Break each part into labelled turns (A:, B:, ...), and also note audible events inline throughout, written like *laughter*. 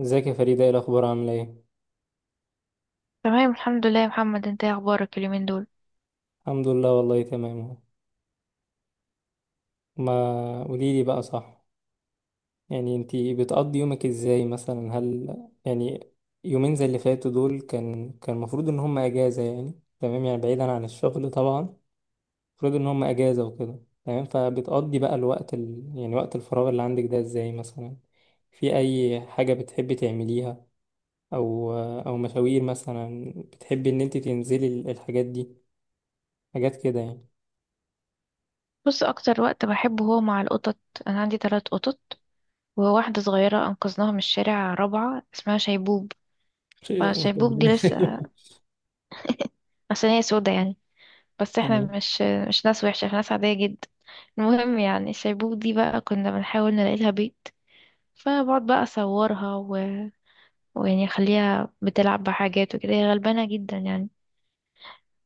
A: ازيك يا فريدة، ايه الأخبار؟ عاملة ايه؟
B: تمام الحمد لله يا محمد، انت ايه اخبارك اليومين دول؟
A: الحمد لله والله تمام اهو. ما قوليلي بقى. صح، يعني انتي بتقضي يومك ازاي مثلا؟ يعني يومين زي اللي فاتوا دول كان المفروض ان هم اجازة، يعني تمام، يعني بعيدا عن الشغل طبعا. المفروض ان هم اجازة وكده. تمام، فبتقضي بقى الوقت يعني وقت الفراغ اللي عندك ده ازاي مثلا؟ في اي حاجة بتحبي تعمليها، او او مشاوير مثلا بتحبي ان انتي تنزلي الحاجات دي، حاجات كده يعني.
B: بص، اكتر وقت بحبه هو مع القطط. انا عندي ثلاث قطط، وواحده صغيره انقذناها من الشارع رابعه اسمها شيبوب. فشيبوب دي لسه
A: *laughs*
B: عشان هي سودا، يعني بس احنا
A: مم.
B: مش ناس وحشه، احنا ناس عاديه جدا. المهم يعني شيبوب دي بقى كنا بنحاول نلاقي لها بيت، فبقعد بقى اصورها ويعني اخليها بتلعب بحاجات وكده، هي غلبانه جدا يعني.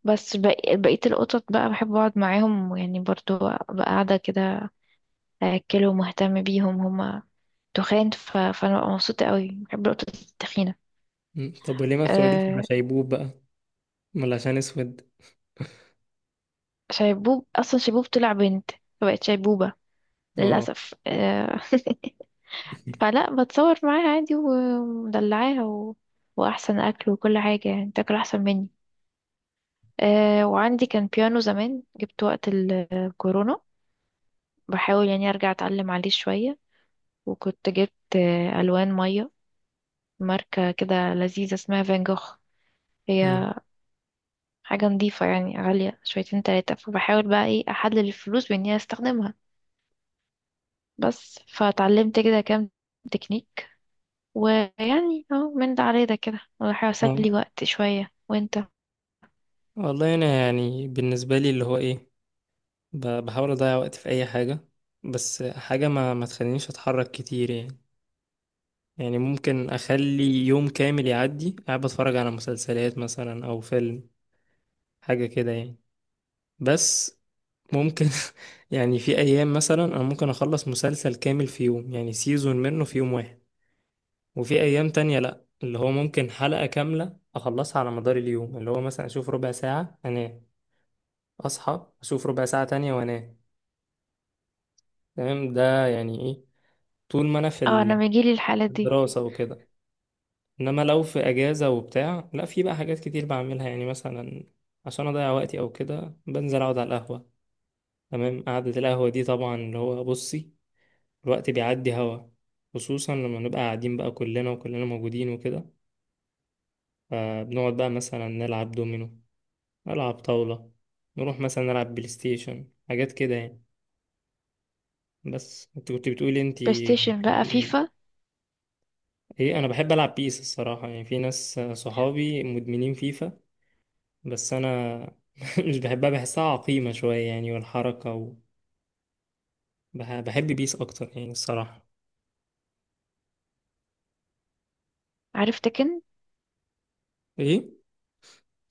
B: بس بقية القطط بقى بحب اقعد معاهم، ويعني برضو ابقى قاعدة كده اكله ومهتم بيهم، هما تخان فانا ببقى مبسوطه قوي، بحب نقطه التخينه.
A: مم. طب وليه ما بتقعديش مع
B: أه...
A: شيبوب بقى؟ ولا عشان اسود؟
B: شيبوب اصلا شيبوب طلع بنت فبقت شيبوبه
A: اه.
B: للاسف. *laughs* فلا بتصور معاها عادي ومدلعاها واحسن اكل وكل حاجه، يعني تاكل احسن مني. وعندي كان بيانو زمان، جبت وقت الكورونا، بحاول يعني ارجع اتعلم عليه شويه. وكنت جبت الوان ميه، ماركه كده لذيذه اسمها فان جوخ. هي
A: مم.
B: حاجة نظيفة يعني، غالية شويتين تلاتة، فبحاول بقى ايه أحلل الفلوس بإن هي أستخدمها. بس فتعلمت كده كام تكنيك، ويعني اه من ده على ده كده بحاول أسلي
A: اه،
B: وقت شوية. وانت؟
A: والله انا يعني بالنسبه لي اللي هو ايه، بحاول اضيع وقت في اي حاجه، بس حاجه ما تخلينيش اتحرك كتير يعني. يعني ممكن اخلي يوم كامل يعدي قاعد بتفرج على مسلسلات مثلا او فيلم، حاجه كده يعني. بس ممكن *laughs* يعني في ايام مثلا انا ممكن اخلص مسلسل كامل في يوم، يعني سيزون منه في يوم واحد. وفي ايام تانية لا، اللي هو ممكن حلقة كاملة اخلصها على مدار اليوم، اللي هو مثلا اشوف ربع ساعة انام، اصحى اشوف ربع ساعة تانية وانام. تمام، ده يعني ايه طول ما انا في
B: اه، أنا بيجيلي الحالات دي.
A: الدراسة وكده. انما لو في اجازة وبتاع، لا في بقى حاجات كتير بعملها يعني، مثلا عشان اضيع وقتي او كده بنزل اقعد على القهوة. تمام، قعدة القهوة دي طبعا اللي هو بصي، الوقت بيعدي هوا، خصوصا لما نبقى قاعدين بقى كلنا وكلنا موجودين وكده. فبنقعد بقى مثلا نلعب دومينو، ألعب طاولة، نروح مثلا نلعب بلاي ستيشن، حاجات كده يعني. بس انت كنت بتقولي انت
B: بلايستيشن بقى
A: كمان ايه؟
B: فيفا.
A: ايه، انا بحب العب بيس الصراحة، يعني في ناس صحابي مدمنين فيفا بس انا *laughs* مش بحبها، بحسها عقيمة شوية يعني، والحركة بحب بيس اكتر يعني الصراحة.
B: عارف تكن؟
A: ايه.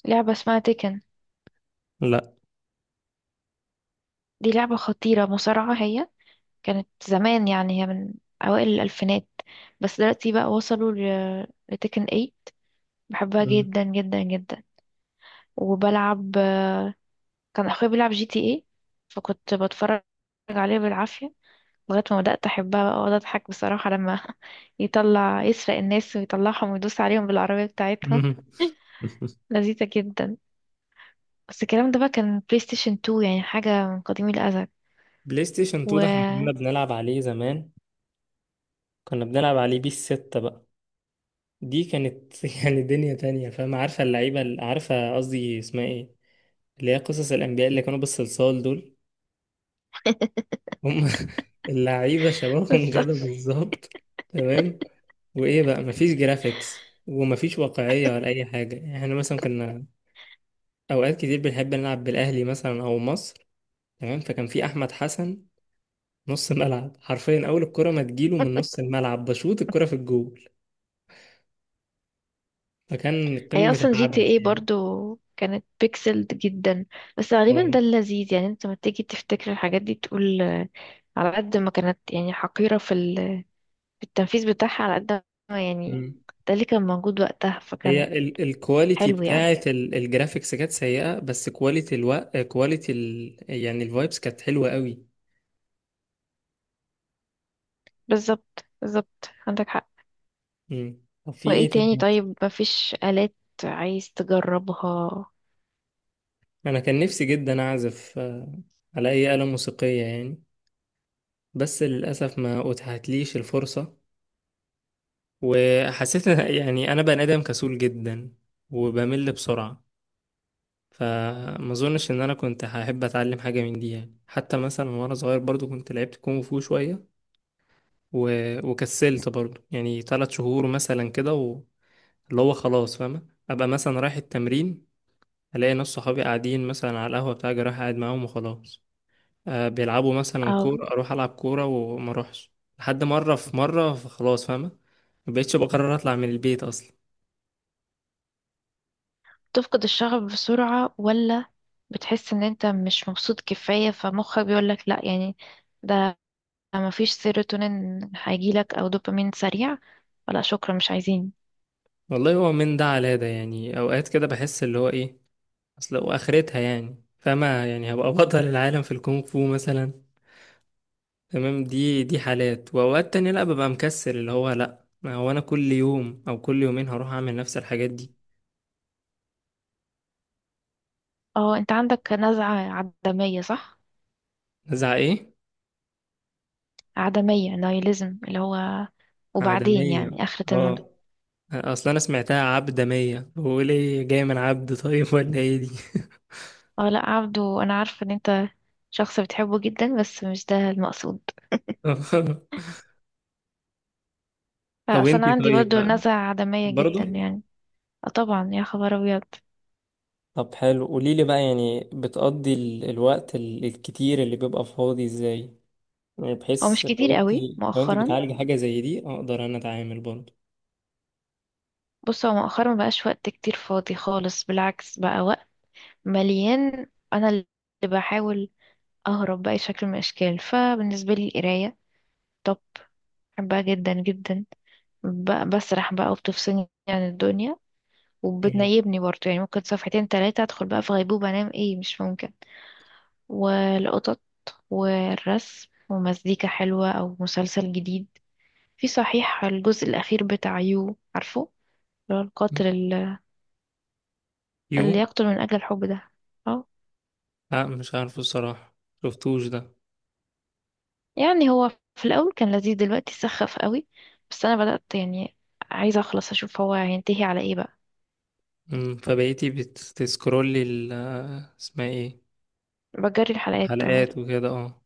B: لعبة اسمها تكن،
A: لا.
B: دي لعبة خطيرة، مصارعة هي. كانت زمان يعني، هي من أوائل الألفينات، بس دلوقتي بقى وصلوا لتكن 8. بحبها
A: مم.
B: جدا جدا جدا. وبلعب، كان اخويا بيلعب جي تي ايه، فكنت بتفرج عليه بالعافية لغاية ما بدأت احبها بقى، واقعد اضحك بصراحة لما *laughs* يطلع يسرق الناس ويطلعهم ويدوس عليهم بالعربية بتاعتهم.
A: مم. *laughs*
B: لذيذة جدا. بس الكلام ده بقى كان بلاي ستيشن 2، يعني حاجة من قديم الأزل.
A: بلاي ستيشن 2 ده احنا كنا
B: و
A: بنلعب عليه زمان، كنا بنلعب عليه بيس 6 بقى. دي كانت *laughs* يعني دنيا تانية، فاهم؟ عارفة اللعيبة؟ عارفة قصدي اسمها ايه، اللي هي قصص الأنبياء اللي كانوا بالصلصال دول، هم *laughs* اللعيبة
B: *laughs*
A: شبابهم
B: بس
A: كده بالظبط. تمام. وإيه بقى، مفيش جرافيكس ومفيش واقعية ولا أي حاجة. إحنا مثلا كنا أوقات كتير بنحب نلعب بالأهلي مثلا أو مصر. تمام، فكان في أحمد حسن نص ملعب حرفيا، أول الكرة ما تجيله من نص الملعب بشوط الكرة في الجول، فكان
B: هي
A: قمة
B: أصلا جي تي
A: العبث
B: ايه
A: يعني.
B: برضو كانت بيكسلد جدا، بس غالبا ده اللذيذ يعني. انت لما تيجي تفتكر الحاجات دي تقول، على قد ما كانت يعني حقيرة في التنفيذ بتاعها، على قد ما يعني
A: اه،
B: ده اللي كان موجود وقتها.
A: هي
B: فكان
A: الكواليتي
B: حلو يعني.
A: بتاعت الجرافيكس كانت سيئة، بس كواليتي الوقت، كواليتي يعني الفايبس كانت حلوة قوي.
B: بالظبط بالظبط، عندك حق.
A: مم. طب في ايه
B: وايه تاني
A: تاني؟
B: طيب؟ مفيش آلات عايز تجربها؟
A: انا كان نفسي جدا اعزف على اي آلة موسيقية يعني، بس للأسف ما اتاحتليش الفرصة. وحسيت *laughs* يعني انا بني ادم كسول جدا وبمل بسرعة، فما اظنش ان انا كنت هحب اتعلم حاجة من دي يعني. حتى مثلا وانا صغير برضو كنت لعبت كونغ فو شوية و... وكسلت برضو، يعني ثلاث شهور مثلا كده اللي هو خلاص، فاهمة، أبقى مثلا رايح التمرين، ألاقي ناس صحابي قاعدين مثلا على القهوة بتاعي، رايح قاعد معاهم وخلاص. بيلعبوا مثلا
B: أو
A: كورة، أروح ألعب كورة وما أروحش. لحد مرة في مرة خلاص، فاهمة، مبقتش بقرر أطلع من البيت أصلا.
B: تفقد الشغف بسرعة، ولا بتحس ان انت مش مبسوط كفاية فمخك بيقولك لا يعني، ده مفيش سيروتونين هيجيلك او دوبامين سريع، ولا شكرا مش عايزين.
A: والله هو من ده على ده يعني، أوقات كده بحس اللي هو إيه أصل وآخرتها، يعني فاهمة يعني هبقى بطل العالم في الكونغ فو مثلا؟ تمام، دي حالات. واوقات تانية لا ببقى مكسل، اللي هو لا ما هو انا كل يوم او كل يومين هروح اعمل نفس الحاجات دي.
B: اه، انت عندك نزعة عدمية، صح؟
A: نزعة ايه؟
B: عدمية، نيهيليزم، اللي هو وبعدين
A: عدمية؟
B: يعني آخرة المنتهى.
A: اه، اصلا انا سمعتها عبدمية، بقول ايه جاي من عبد؟ طيب *laughs* ولا ايه دي؟
B: اه لا، عبده انا عارفه ان انت شخص بتحبه جدا، بس مش ده المقصود.
A: *laughs*
B: لا،
A: طب
B: اصل انا
A: انتي
B: عندي
A: طيب
B: برضو
A: بقى
B: نزعة عدمية
A: برضو؟
B: جدا يعني. اه طبعا يا خبر ابيض.
A: طب حلو، قوليلي بقى، يعني بتقضي الوقت الكتير اللي بيبقى فاضي ازاي؟ يعني
B: هو
A: بحيث
B: مش
A: لو
B: كتير
A: انت،
B: قوي
A: لو انت
B: مؤخرا.
A: بتعالجي حاجة زي دي اقدر انا اتعامل برضو.
B: بص، هو مؤخرا مبقاش وقت كتير فاضي خالص، بالعكس بقى وقت مليان. انا اللي بحاول اهرب باي شكل من الاشكال. فبالنسبه لي القرايه توب، بحبها جدا جدا. بسرح بقى وبتفصلني عن الدنيا،
A: مم.
B: وبتنيبني برضه يعني، ممكن صفحتين تلاتة ادخل بقى في غيبوبة انام. ايه مش ممكن. والقطط والرسم ومزيكا حلوة أو مسلسل جديد. في صحيح، الجزء الأخير بتاع يو، عارفه؟ اللي هو
A: يو؟
B: اللي يقتل من أجل الحب ده. اه،
A: لا، مش عارفه الصراحة، شفتوش ده.
B: يعني هو في الأول كان لذيذ، دلوقتي سخف قوي، بس أنا بدأت يعني عايزة أخلص أشوف هو هينتهي على إيه بقى.
A: فبقيتي بتسكرولي اسمها ايه،
B: بجري الحلقات اهو.
A: الحلقات وكده، اه.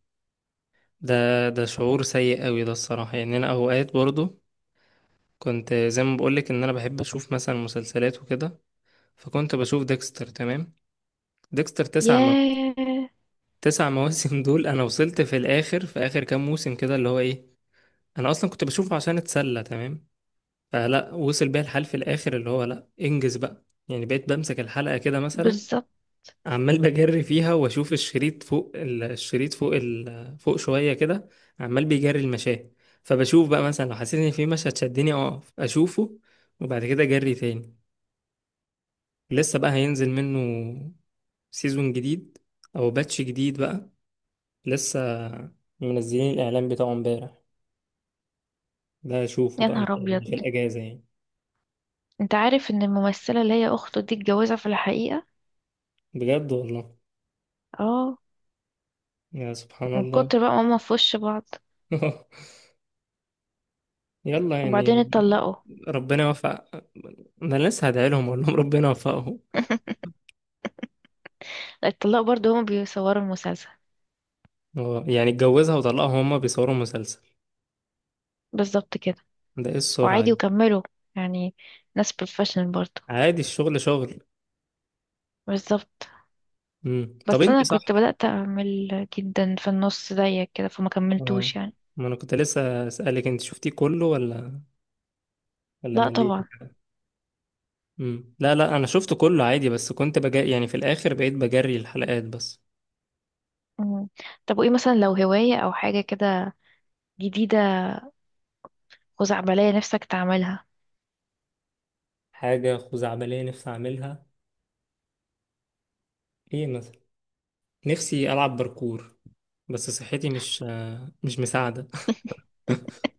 A: ده ده شعور سيء قوي ده الصراحة. يعني انا اوقات برضو كنت زي ما بقولك ان انا بحب اشوف مثلا مسلسلات وكده، فكنت بشوف ديكستر. تمام، ديكستر تسع
B: ياه.
A: تسع مواسم *laughs* دول. انا وصلت في الاخر، في اخر كام موسم كده اللي هو ايه، انا اصلا كنت بشوفه عشان اتسلى. تمام، فلا وصل بيا الحال في الاخر اللي هو لا انجز بقى، يعني بقيت بمسك الحلقة كده مثلا
B: بالظبط.
A: عمال بجري فيها، واشوف الشريط فوق الشريط فوق فوق شويه كده، عمال بيجري المشاه. فبشوف بقى مثلا لو حسيت ان في مشهد شدني اقف اشوفه، وبعد كده اجري تاني. لسه بقى هينزل منه سيزون جديد او باتش جديد بقى، لسه منزلين الاعلان بتاعه امبارح، ده اشوفه
B: يا
A: بقى ان
B: نهار
A: شاء
B: أبيض،
A: الله في الاجازه يعني.
B: أنت عارف إن الممثلة اللي هي أخته دي اتجوزها في الحقيقة؟
A: بجد والله؟
B: اه،
A: يا سبحان
B: من
A: الله.
B: كتر بقى ماما في وش بعض،
A: *laughs* يلا
B: وبعدين
A: يعني،
B: اتطلقوا.
A: ربنا يوفق. انا لسه هدعي لهم، اقول لهم ربنا يوفقهم.
B: الطلاب برضو هما بيصوروا المسلسل.
A: اه، يعني اتجوزها وطلقها وهما بيصوروا مسلسل؟
B: بالظبط كده.
A: ده ايه السرعة
B: وعادي
A: دي!
B: وكملوا يعني، ناس بروفيشنال برضو.
A: عادي، الشغل شغل.
B: بالظبط.
A: طب
B: بس
A: انت،
B: انا
A: صح.
B: كنت بدأت اعمل جدا في النص زيك كده، فما
A: اه،
B: كملتوش يعني.
A: ما انا كنت لسه اسالك انت شفتيه كله ولا
B: لا
A: مليتي.
B: طبعا.
A: لا لا، انا شفته كله عادي، بس كنت بجري يعني في الاخر، بقيت بجري الحلقات بس.
B: مم. طب وايه مثلا لو هواية او حاجة كده جديدة خزعبلية نفسك تعملها؟
A: حاجة خزعبلية نفسي اعملها؟ ايه مثلا؟ نفسي العب باركور، بس صحتي مش مش مساعدة. *laughs*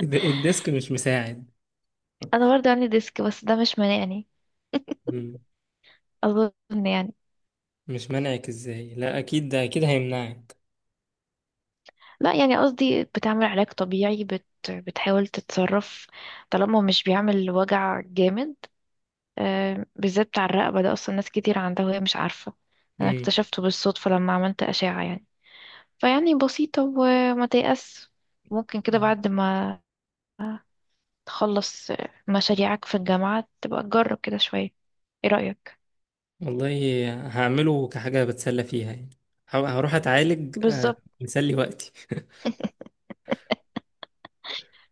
A: الديسك مش مساعد.
B: انا برضو عندي ديسك، بس ده مش مانعني
A: مم.
B: اظن يعني.
A: مش منعك ازاي؟ لا اكيد، ده اكيد هيمنعك.
B: لا يعني قصدي، بتعمل علاج طبيعي، بتحاول تتصرف طالما مش بيعمل وجع جامد. بالذات بتاع الرقبة ده أصلا ناس كتير عندها وهي مش عارفة. أنا
A: مم.
B: اكتشفته بالصدفة لما عملت أشعة يعني. فيعني بسيطة وما تيأس. ممكن كده بعد ما تخلص مشاريعك في الجامعة تبقى تجرب كده شوية. ايه رأيك؟
A: والله هعمله كحاجة بتسلى فيها يعني، هروح أتعالج
B: بالظبط
A: مسلي وقتي.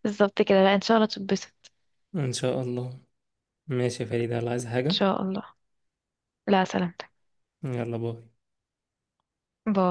B: بالظبط كده. لا إن شاء الله تتبسط.
A: إن شاء الله. ماشي يا فريدة، يلا. عايز حاجة؟
B: إن شاء الله. لا سلامتك.
A: يلا، باي.
B: باي.